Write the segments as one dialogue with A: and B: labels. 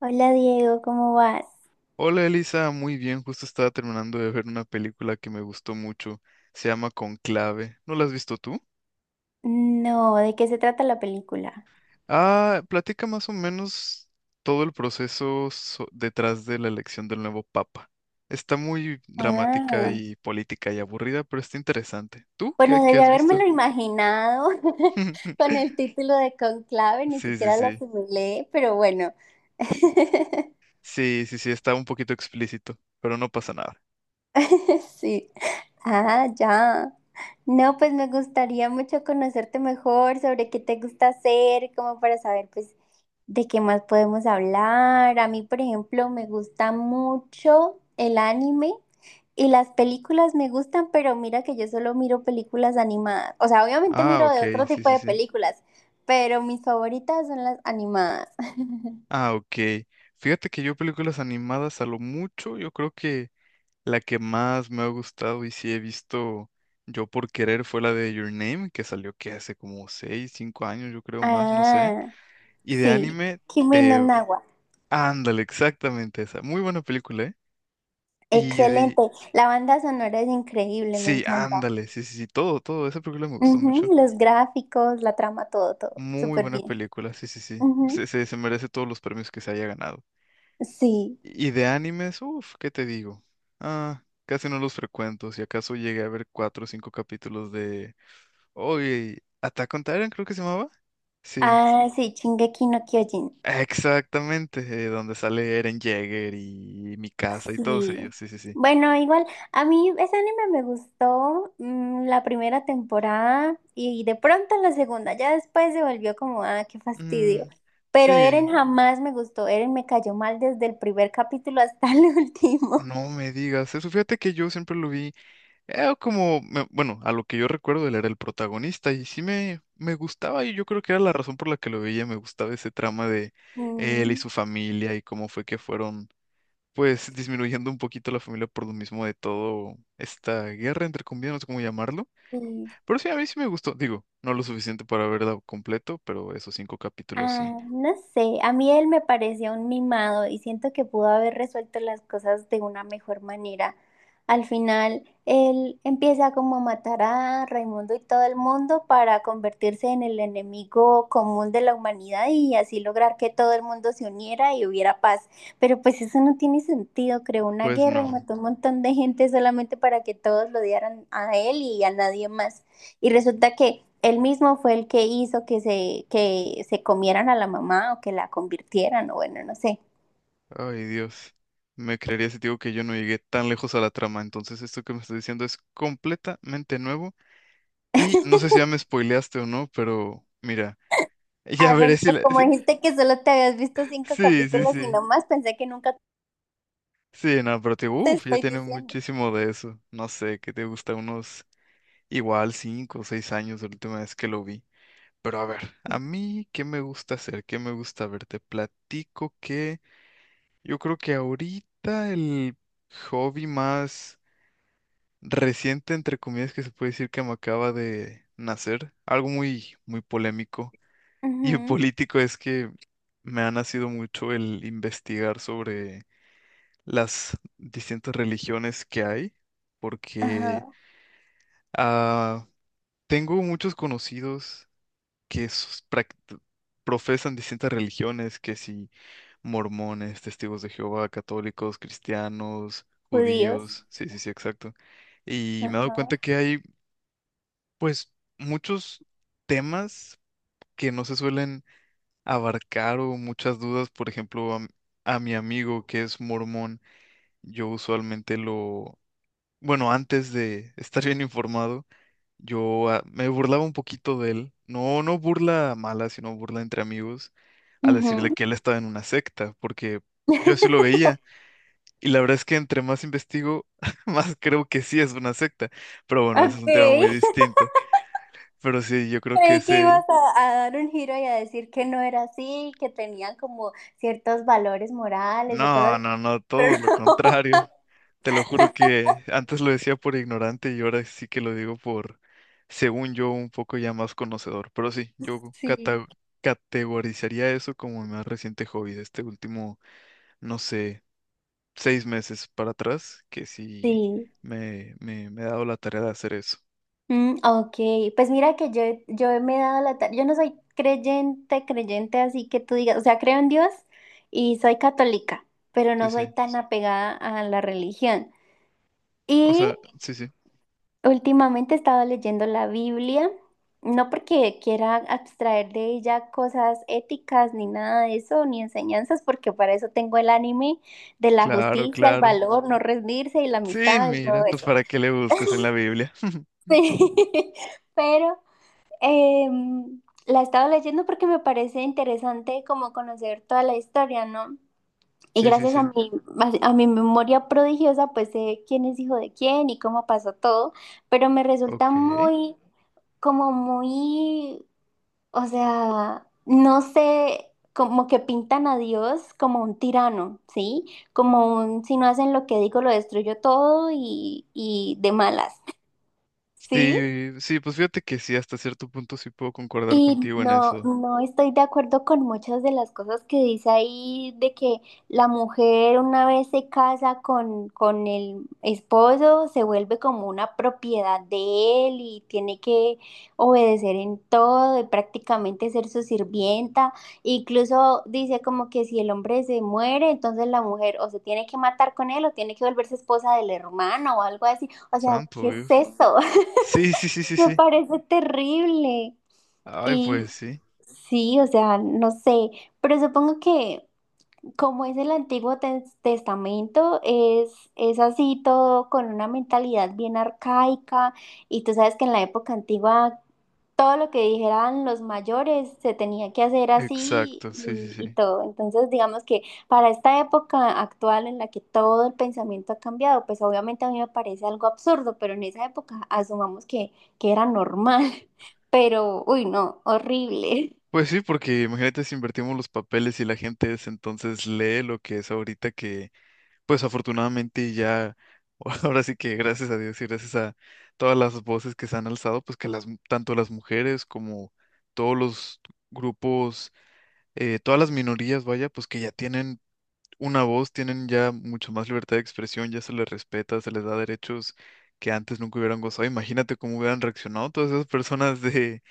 A: Hola Diego, ¿cómo vas?
B: Hola Elisa, muy bien, justo estaba terminando de ver una película que me gustó mucho, se llama Conclave, ¿no la has visto tú?
A: No, ¿de qué se trata la película?
B: Platica más o menos todo el proceso detrás de la elección del nuevo papa. Está muy dramática
A: Ah,
B: y política y aburrida, pero está interesante. ¿Tú qué,
A: bueno,
B: qué
A: debí
B: has visto?
A: habérmelo imaginado. Con el título de Conclave, ni
B: Sí, sí,
A: siquiera lo
B: sí.
A: asimilé, pero bueno.
B: Sí, sí, sí, está un poquito explícito, pero no pasa nada.
A: Sí. Ah, ya. No, pues me gustaría mucho conocerte mejor sobre qué te gusta hacer, como para saber, pues, de qué más podemos hablar. A mí, por ejemplo, me gusta mucho el anime. Y las películas me gustan, pero mira que yo solo miro películas animadas. O sea, obviamente
B: Ah,
A: miro
B: ok,
A: de otro
B: sí,
A: tipo
B: sí,
A: de
B: sí.
A: películas, pero mis favoritas son las animadas.
B: Ah, ok. Fíjate que yo películas animadas a lo mucho, yo creo que la que más me ha gustado y sí he visto yo por querer fue la de Your Name, que salió que hace como 6 5 años, yo creo más, no sé.
A: Ah,
B: Y de
A: sí.
B: anime,
A: Kimi no
B: te...
A: Na wa.
B: ándale, exactamente esa. Muy buena película, ¿eh? Y de...
A: Excelente. La banda sonora es increíble, me
B: Sí,
A: encanta.
B: ándale, sí, sí, sí, todo, todo. Esa película me gustó mucho.
A: Ujú. Los gráficos, la trama, todo, todo.
B: Muy
A: Súper
B: buena
A: bien.
B: película, sí, sí, sí.
A: Ujú.
B: Se merece todos los premios que se haya ganado.
A: Sí.
B: Y de animes, uff, ¿qué te digo? Casi no los frecuento. Si acaso llegué a ver cuatro o cinco capítulos de uy, Attack on Titan creo que se llamaba. Sí,
A: Ah, sí, Shingeki no Kyojin.
B: exactamente, donde sale Eren Jaeger y Mikasa y todos
A: Sí.
B: ellos, sí, sí, sí.
A: Bueno, igual, a mí ese anime me gustó la primera temporada y de pronto la segunda, ya después se volvió como, ah, qué fastidio.
B: Mm,
A: Pero Eren
B: sí,
A: jamás me gustó, Eren me cayó mal desde el primer capítulo hasta el último.
B: no me digas eso. Fíjate que yo siempre lo vi a lo que yo recuerdo él era el protagonista y sí me gustaba y yo creo que era la razón por la que lo veía, me gustaba ese trama de él y
A: Mm,
B: su familia y cómo fue que fueron, pues, disminuyendo un poquito la familia por lo mismo de todo esta guerra, entre comillas, no sé cómo llamarlo.
A: sí.
B: Pero sí, a mí sí me gustó. Digo, no lo suficiente para verlo completo, pero esos cinco capítulos sí.
A: Ah, no sé, a mí él me parecía un mimado y siento que pudo haber resuelto las cosas de una mejor manera. Al final, él empieza como a matar a Raimundo y todo el mundo para convertirse en el enemigo común de la humanidad y así lograr que todo el mundo se uniera y hubiera paz. Pero pues eso no tiene sentido, creó una
B: Pues
A: guerra y
B: no.
A: mató un montón de gente solamente para que todos lo odiaran a él y a nadie más. Y resulta que él mismo fue el que hizo que se comieran a la mamá o que la convirtieran, o bueno, no sé.
B: Ay, Dios. Me creería si te digo que yo no llegué tan lejos a la trama. Entonces, esto que me estás diciendo es completamente nuevo. Y no sé si ya me spoileaste o no, pero mira, ya
A: Ah,
B: veré
A: bueno,
B: si
A: pues
B: la...
A: como
B: si-
A: dijiste que solo te habías visto cinco
B: Sí, sí,
A: capítulos y
B: sí.
A: no más, pensé que nunca
B: Sí, no, pero te digo,
A: te
B: uff, ya
A: estoy
B: tiene
A: diciendo.
B: muchísimo de eso. No sé, ¿qué te gusta? Unos igual cinco o seis años de la última vez que lo vi. Pero a ver, a
A: Sí.
B: mí, ¿qué me gusta hacer? ¿Qué me gusta ver? Te platico que yo creo que ahorita el hobby más reciente, entre comillas, que se puede decir que me acaba de nacer, algo muy, muy polémico y
A: Ujú.
B: político es que me ha nacido mucho el investigar sobre las distintas religiones que hay, porque
A: Ajá,
B: ah, tengo muchos conocidos que profesan distintas religiones, que si mormones, testigos de Jehová, católicos, cristianos,
A: judíos.
B: judíos, sí, sí, sí, exacto. Y me he dado cuenta
A: Ajá.
B: que hay, pues, muchos temas que no se suelen abarcar o muchas dudas. Por ejemplo, a mi amigo que es mormón, yo usualmente, antes de estar bien informado, yo me burlaba un poquito de él. No, no burla mala, sino burla entre amigos al decirle
A: Ujú.
B: que él estaba en una secta, porque yo así lo veía. Y la verdad es que entre más investigo, más creo que sí es una secta. Pero bueno, ese es
A: Ok.
B: un tema muy distinto. Pero sí, yo creo que
A: Creí que ibas a dar un giro y a decir que no era así, que tenían como ciertos valores morales o
B: No,
A: cosas,
B: no, no, todo
A: pero
B: lo
A: no.
B: contrario. Te lo juro que antes lo decía por ignorante y ahora sí que lo digo por, según yo, un poco ya más conocedor. Pero sí,
A: Sí.
B: categorizaría eso como mi más reciente hobby de este último, no sé, seis meses para atrás, que sí
A: Sí.
B: me he dado la tarea de hacer eso.
A: Mm, ok, pues mira que yo me he dado la tarea, yo no soy creyente, creyente, así que tú digas, o sea, creo en Dios y soy católica, pero
B: Sí,
A: no soy
B: sí.
A: tan apegada a la religión.
B: O
A: Y
B: sea, sí, sí.
A: últimamente he estado leyendo la Biblia, no porque quiera abstraer de ella cosas éticas ni nada de eso, ni enseñanzas, porque para eso tengo el anime de la
B: Claro,
A: justicia, el
B: claro.
A: valor, no rendirse y la
B: Sí,
A: amistad y
B: mira,
A: todo
B: pues
A: eso.
B: para qué le buscas en la Biblia.
A: Sí, pero... la he estado leyendo porque me parece interesante como conocer toda la historia, ¿no? Y
B: Sí, sí,
A: gracias
B: sí.
A: a mi memoria prodigiosa, pues sé quién es hijo de quién y cómo pasó todo, pero me resulta
B: Ok.
A: muy, como muy, o sea, no sé, como que pintan a Dios como un tirano, ¿sí? Como un, si no hacen lo que digo, lo destruyo todo y de malas, ¿sí?
B: Sí, sí, pues fíjate que sí, hasta cierto punto sí puedo concordar
A: Y
B: contigo en
A: no,
B: eso.
A: no estoy de acuerdo con muchas de las cosas que dice ahí de que la mujer una vez se casa con el esposo, se vuelve como una propiedad de él y tiene que obedecer en todo y prácticamente ser su sirvienta. Incluso dice como que si el hombre se muere, entonces la mujer o se tiene que matar con él o tiene que volverse esposa del hermano o algo así. O sea,
B: Santo
A: ¿qué es
B: Dios.
A: eso?
B: Sí, sí, sí, sí,
A: Me
B: sí.
A: parece terrible.
B: Ay,
A: Y
B: pues sí.
A: sí, o sea, no sé, pero supongo que como es el Antiguo Tes- Testamento, es así todo con una mentalidad bien arcaica y tú sabes que en la época antigua todo lo que dijeran los mayores se tenía que hacer así
B: Exacto, sí, sí,
A: y
B: sí.
A: todo. Entonces, digamos que para esta época actual en la que todo el pensamiento ha cambiado, pues obviamente a mí me parece algo absurdo, pero en esa época asumamos que era normal, pero, uy, no, horrible.
B: Pues sí, porque imagínate si invertimos los papeles y la gente es entonces lee lo que es ahorita que, pues afortunadamente ya, ahora sí que gracias a Dios y gracias a todas las voces que se han alzado, pues que las, tanto las mujeres como todos los grupos, todas las minorías, vaya, pues que ya tienen una voz, tienen ya mucho más libertad de expresión, ya se les respeta, se les da derechos que antes nunca hubieran gozado. Imagínate cómo hubieran reaccionado todas esas personas de,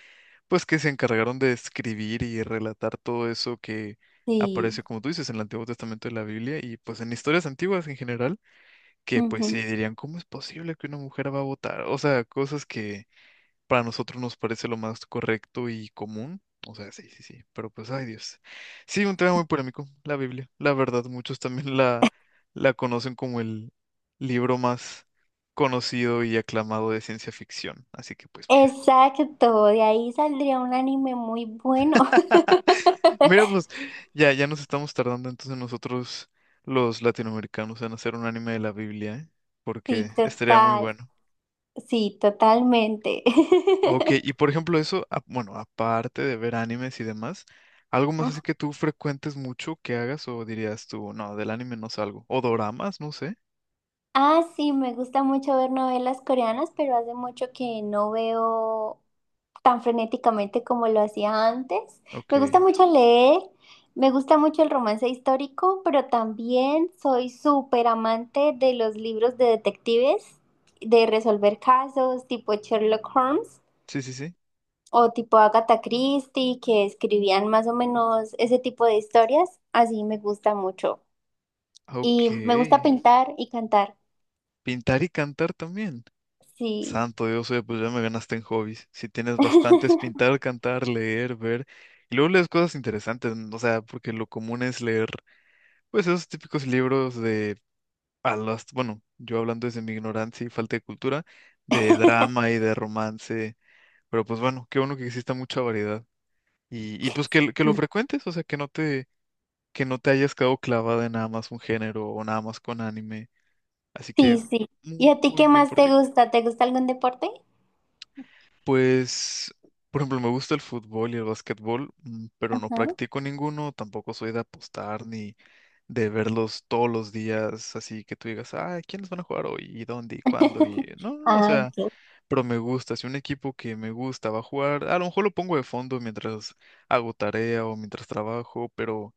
B: pues que se encargaron de escribir y relatar todo eso que
A: Sí.
B: aparece, como tú dices, en el Antiguo Testamento de la Biblia y pues en historias antiguas en general, que pues
A: Ujú.
B: sí dirían, ¿cómo es posible que una mujer va a votar? O sea, cosas que para nosotros nos parece lo más correcto y común. O sea, sí, sí, sí, pero pues, ay Dios. Sí, un tema muy polémico, la Biblia. La verdad, muchos también la conocen como el libro más conocido y aclamado de ciencia ficción. Así que pues mira,
A: Exacto, de ahí saldría un anime muy bueno.
B: mira, pues ya nos estamos tardando entonces nosotros los latinoamericanos en hacer un anime de la Biblia, ¿eh? Porque
A: Sí,
B: estaría muy
A: total,
B: bueno.
A: sí, totalmente.
B: Ok, y por ejemplo eso, aparte de ver animes y demás, algo más
A: Ujú.
B: así que tú frecuentes mucho que hagas o dirías tú, no, del anime no salgo. O doramas, no sé.
A: Ah, sí, me gusta mucho ver novelas coreanas, pero hace mucho que no veo tan frenéticamente como lo hacía antes.
B: Ok,
A: Me gusta mucho leer, me gusta mucho el romance histórico, pero también soy súper amante de los libros de detectives, de resolver casos tipo Sherlock Holmes.
B: sí, sí, sí.
A: O tipo Agatha Christie, que escribían más o menos ese tipo de historias. Así me gusta mucho. Y
B: Ok,
A: me gusta pintar y cantar.
B: pintar y cantar también.
A: Sí.
B: Santo Dios, oye, pues ya me ganaste en hobbies. Si tienes bastantes, pintar, cantar, leer, ver. Y luego lees cosas interesantes, o sea, porque lo común es leer, pues esos típicos libros de yo hablando desde mi ignorancia y falta de cultura, de drama y de romance, pero pues bueno, qué bueno que exista mucha variedad. Y pues que lo frecuentes, o sea, que no te hayas quedado clavada en nada más un género o nada más con anime. Así que
A: Sí, sí. ¿Y a
B: muy,
A: ti
B: muy
A: qué
B: bien
A: más
B: por ti.
A: te gusta? ¿Te gusta algún deporte?
B: Pues, por ejemplo, me gusta el fútbol y el básquetbol, pero no
A: Ajá.
B: practico ninguno, tampoco soy de apostar ni de verlos todos los días, así que tú digas, ah, ¿quiénes van a jugar hoy? ¿Y dónde? ¿Y cuándo? Y no, no, o
A: Ah,
B: sea,
A: ok.
B: pero me gusta, si un equipo que me gusta va a jugar, a lo mejor lo pongo de fondo mientras hago tarea o mientras trabajo, pero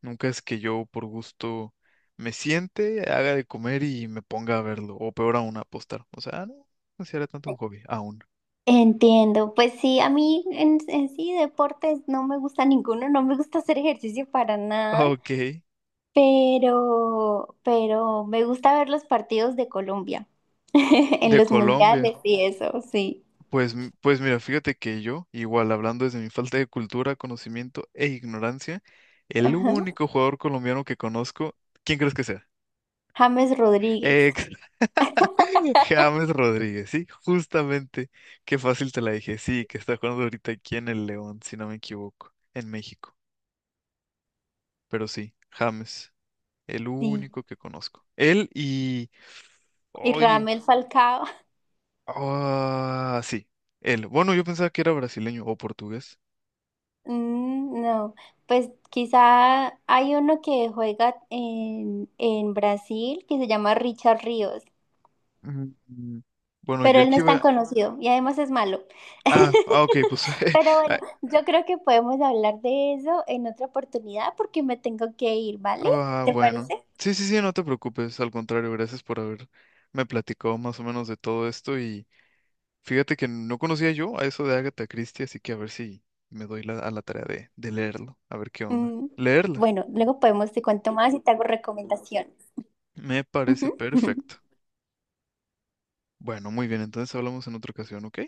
B: nunca es que yo por gusto me siente, haga de comer y me ponga a verlo, o peor aún, a apostar. O sea, "Ah, no considera tanto un hobby, aún.
A: Entiendo. Pues sí, a mí en sí deportes no me gusta ninguno, no me gusta hacer ejercicio para nada.
B: Ok,
A: Pero me gusta ver los partidos de Colombia en
B: de
A: los
B: Colombia.
A: mundiales y eso, sí.
B: Pues, pues mira, fíjate que yo, igual hablando desde mi falta de cultura, conocimiento e ignorancia, el
A: Ajá.
B: único jugador colombiano que conozco, ¿quién crees que sea?
A: James Rodríguez,
B: Ex James Rodríguez, sí, justamente. Qué fácil te la dije. Sí, que está jugando ahorita aquí en el León, si no me equivoco, en México. Pero sí, James, el
A: sí.
B: único que conozco.
A: Y
B: Oye,
A: Ramel Falcao,
B: ah, sí, él. Bueno, yo pensaba que era brasileño o portugués.
A: mm, no. Pues quizá hay uno que juega en Brasil que se llama Richard Ríos,
B: Mm, Bueno, yo
A: pero
B: el
A: él no
B: que
A: es tan
B: iba...
A: conocido y además es malo.
B: Ah, ah, ok, pues...
A: Pero
B: ah,
A: bueno, yo creo que podemos hablar de eso en otra oportunidad porque me tengo que ir, ¿vale?
B: ah,
A: ¿Te
B: bueno.
A: parece?
B: Sí, sí, sí, no te preocupes. Al contrario, gracias por haberme platicado más o menos de todo esto y... Fíjate que no conocía yo a eso de Agatha Christie, así que a ver si me doy a la tarea de leerlo, a ver qué onda.
A: Mm,
B: Leerla.
A: bueno, luego podemos te cuento más y te hago recomendaciones.
B: Me parece
A: Ujú.
B: perfecto. Bueno, muy bien, entonces hablamos en otra ocasión, ¿ok?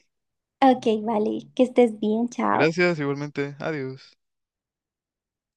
A: Ok, vale, que estés bien, chao.
B: Gracias, igualmente. Adiós.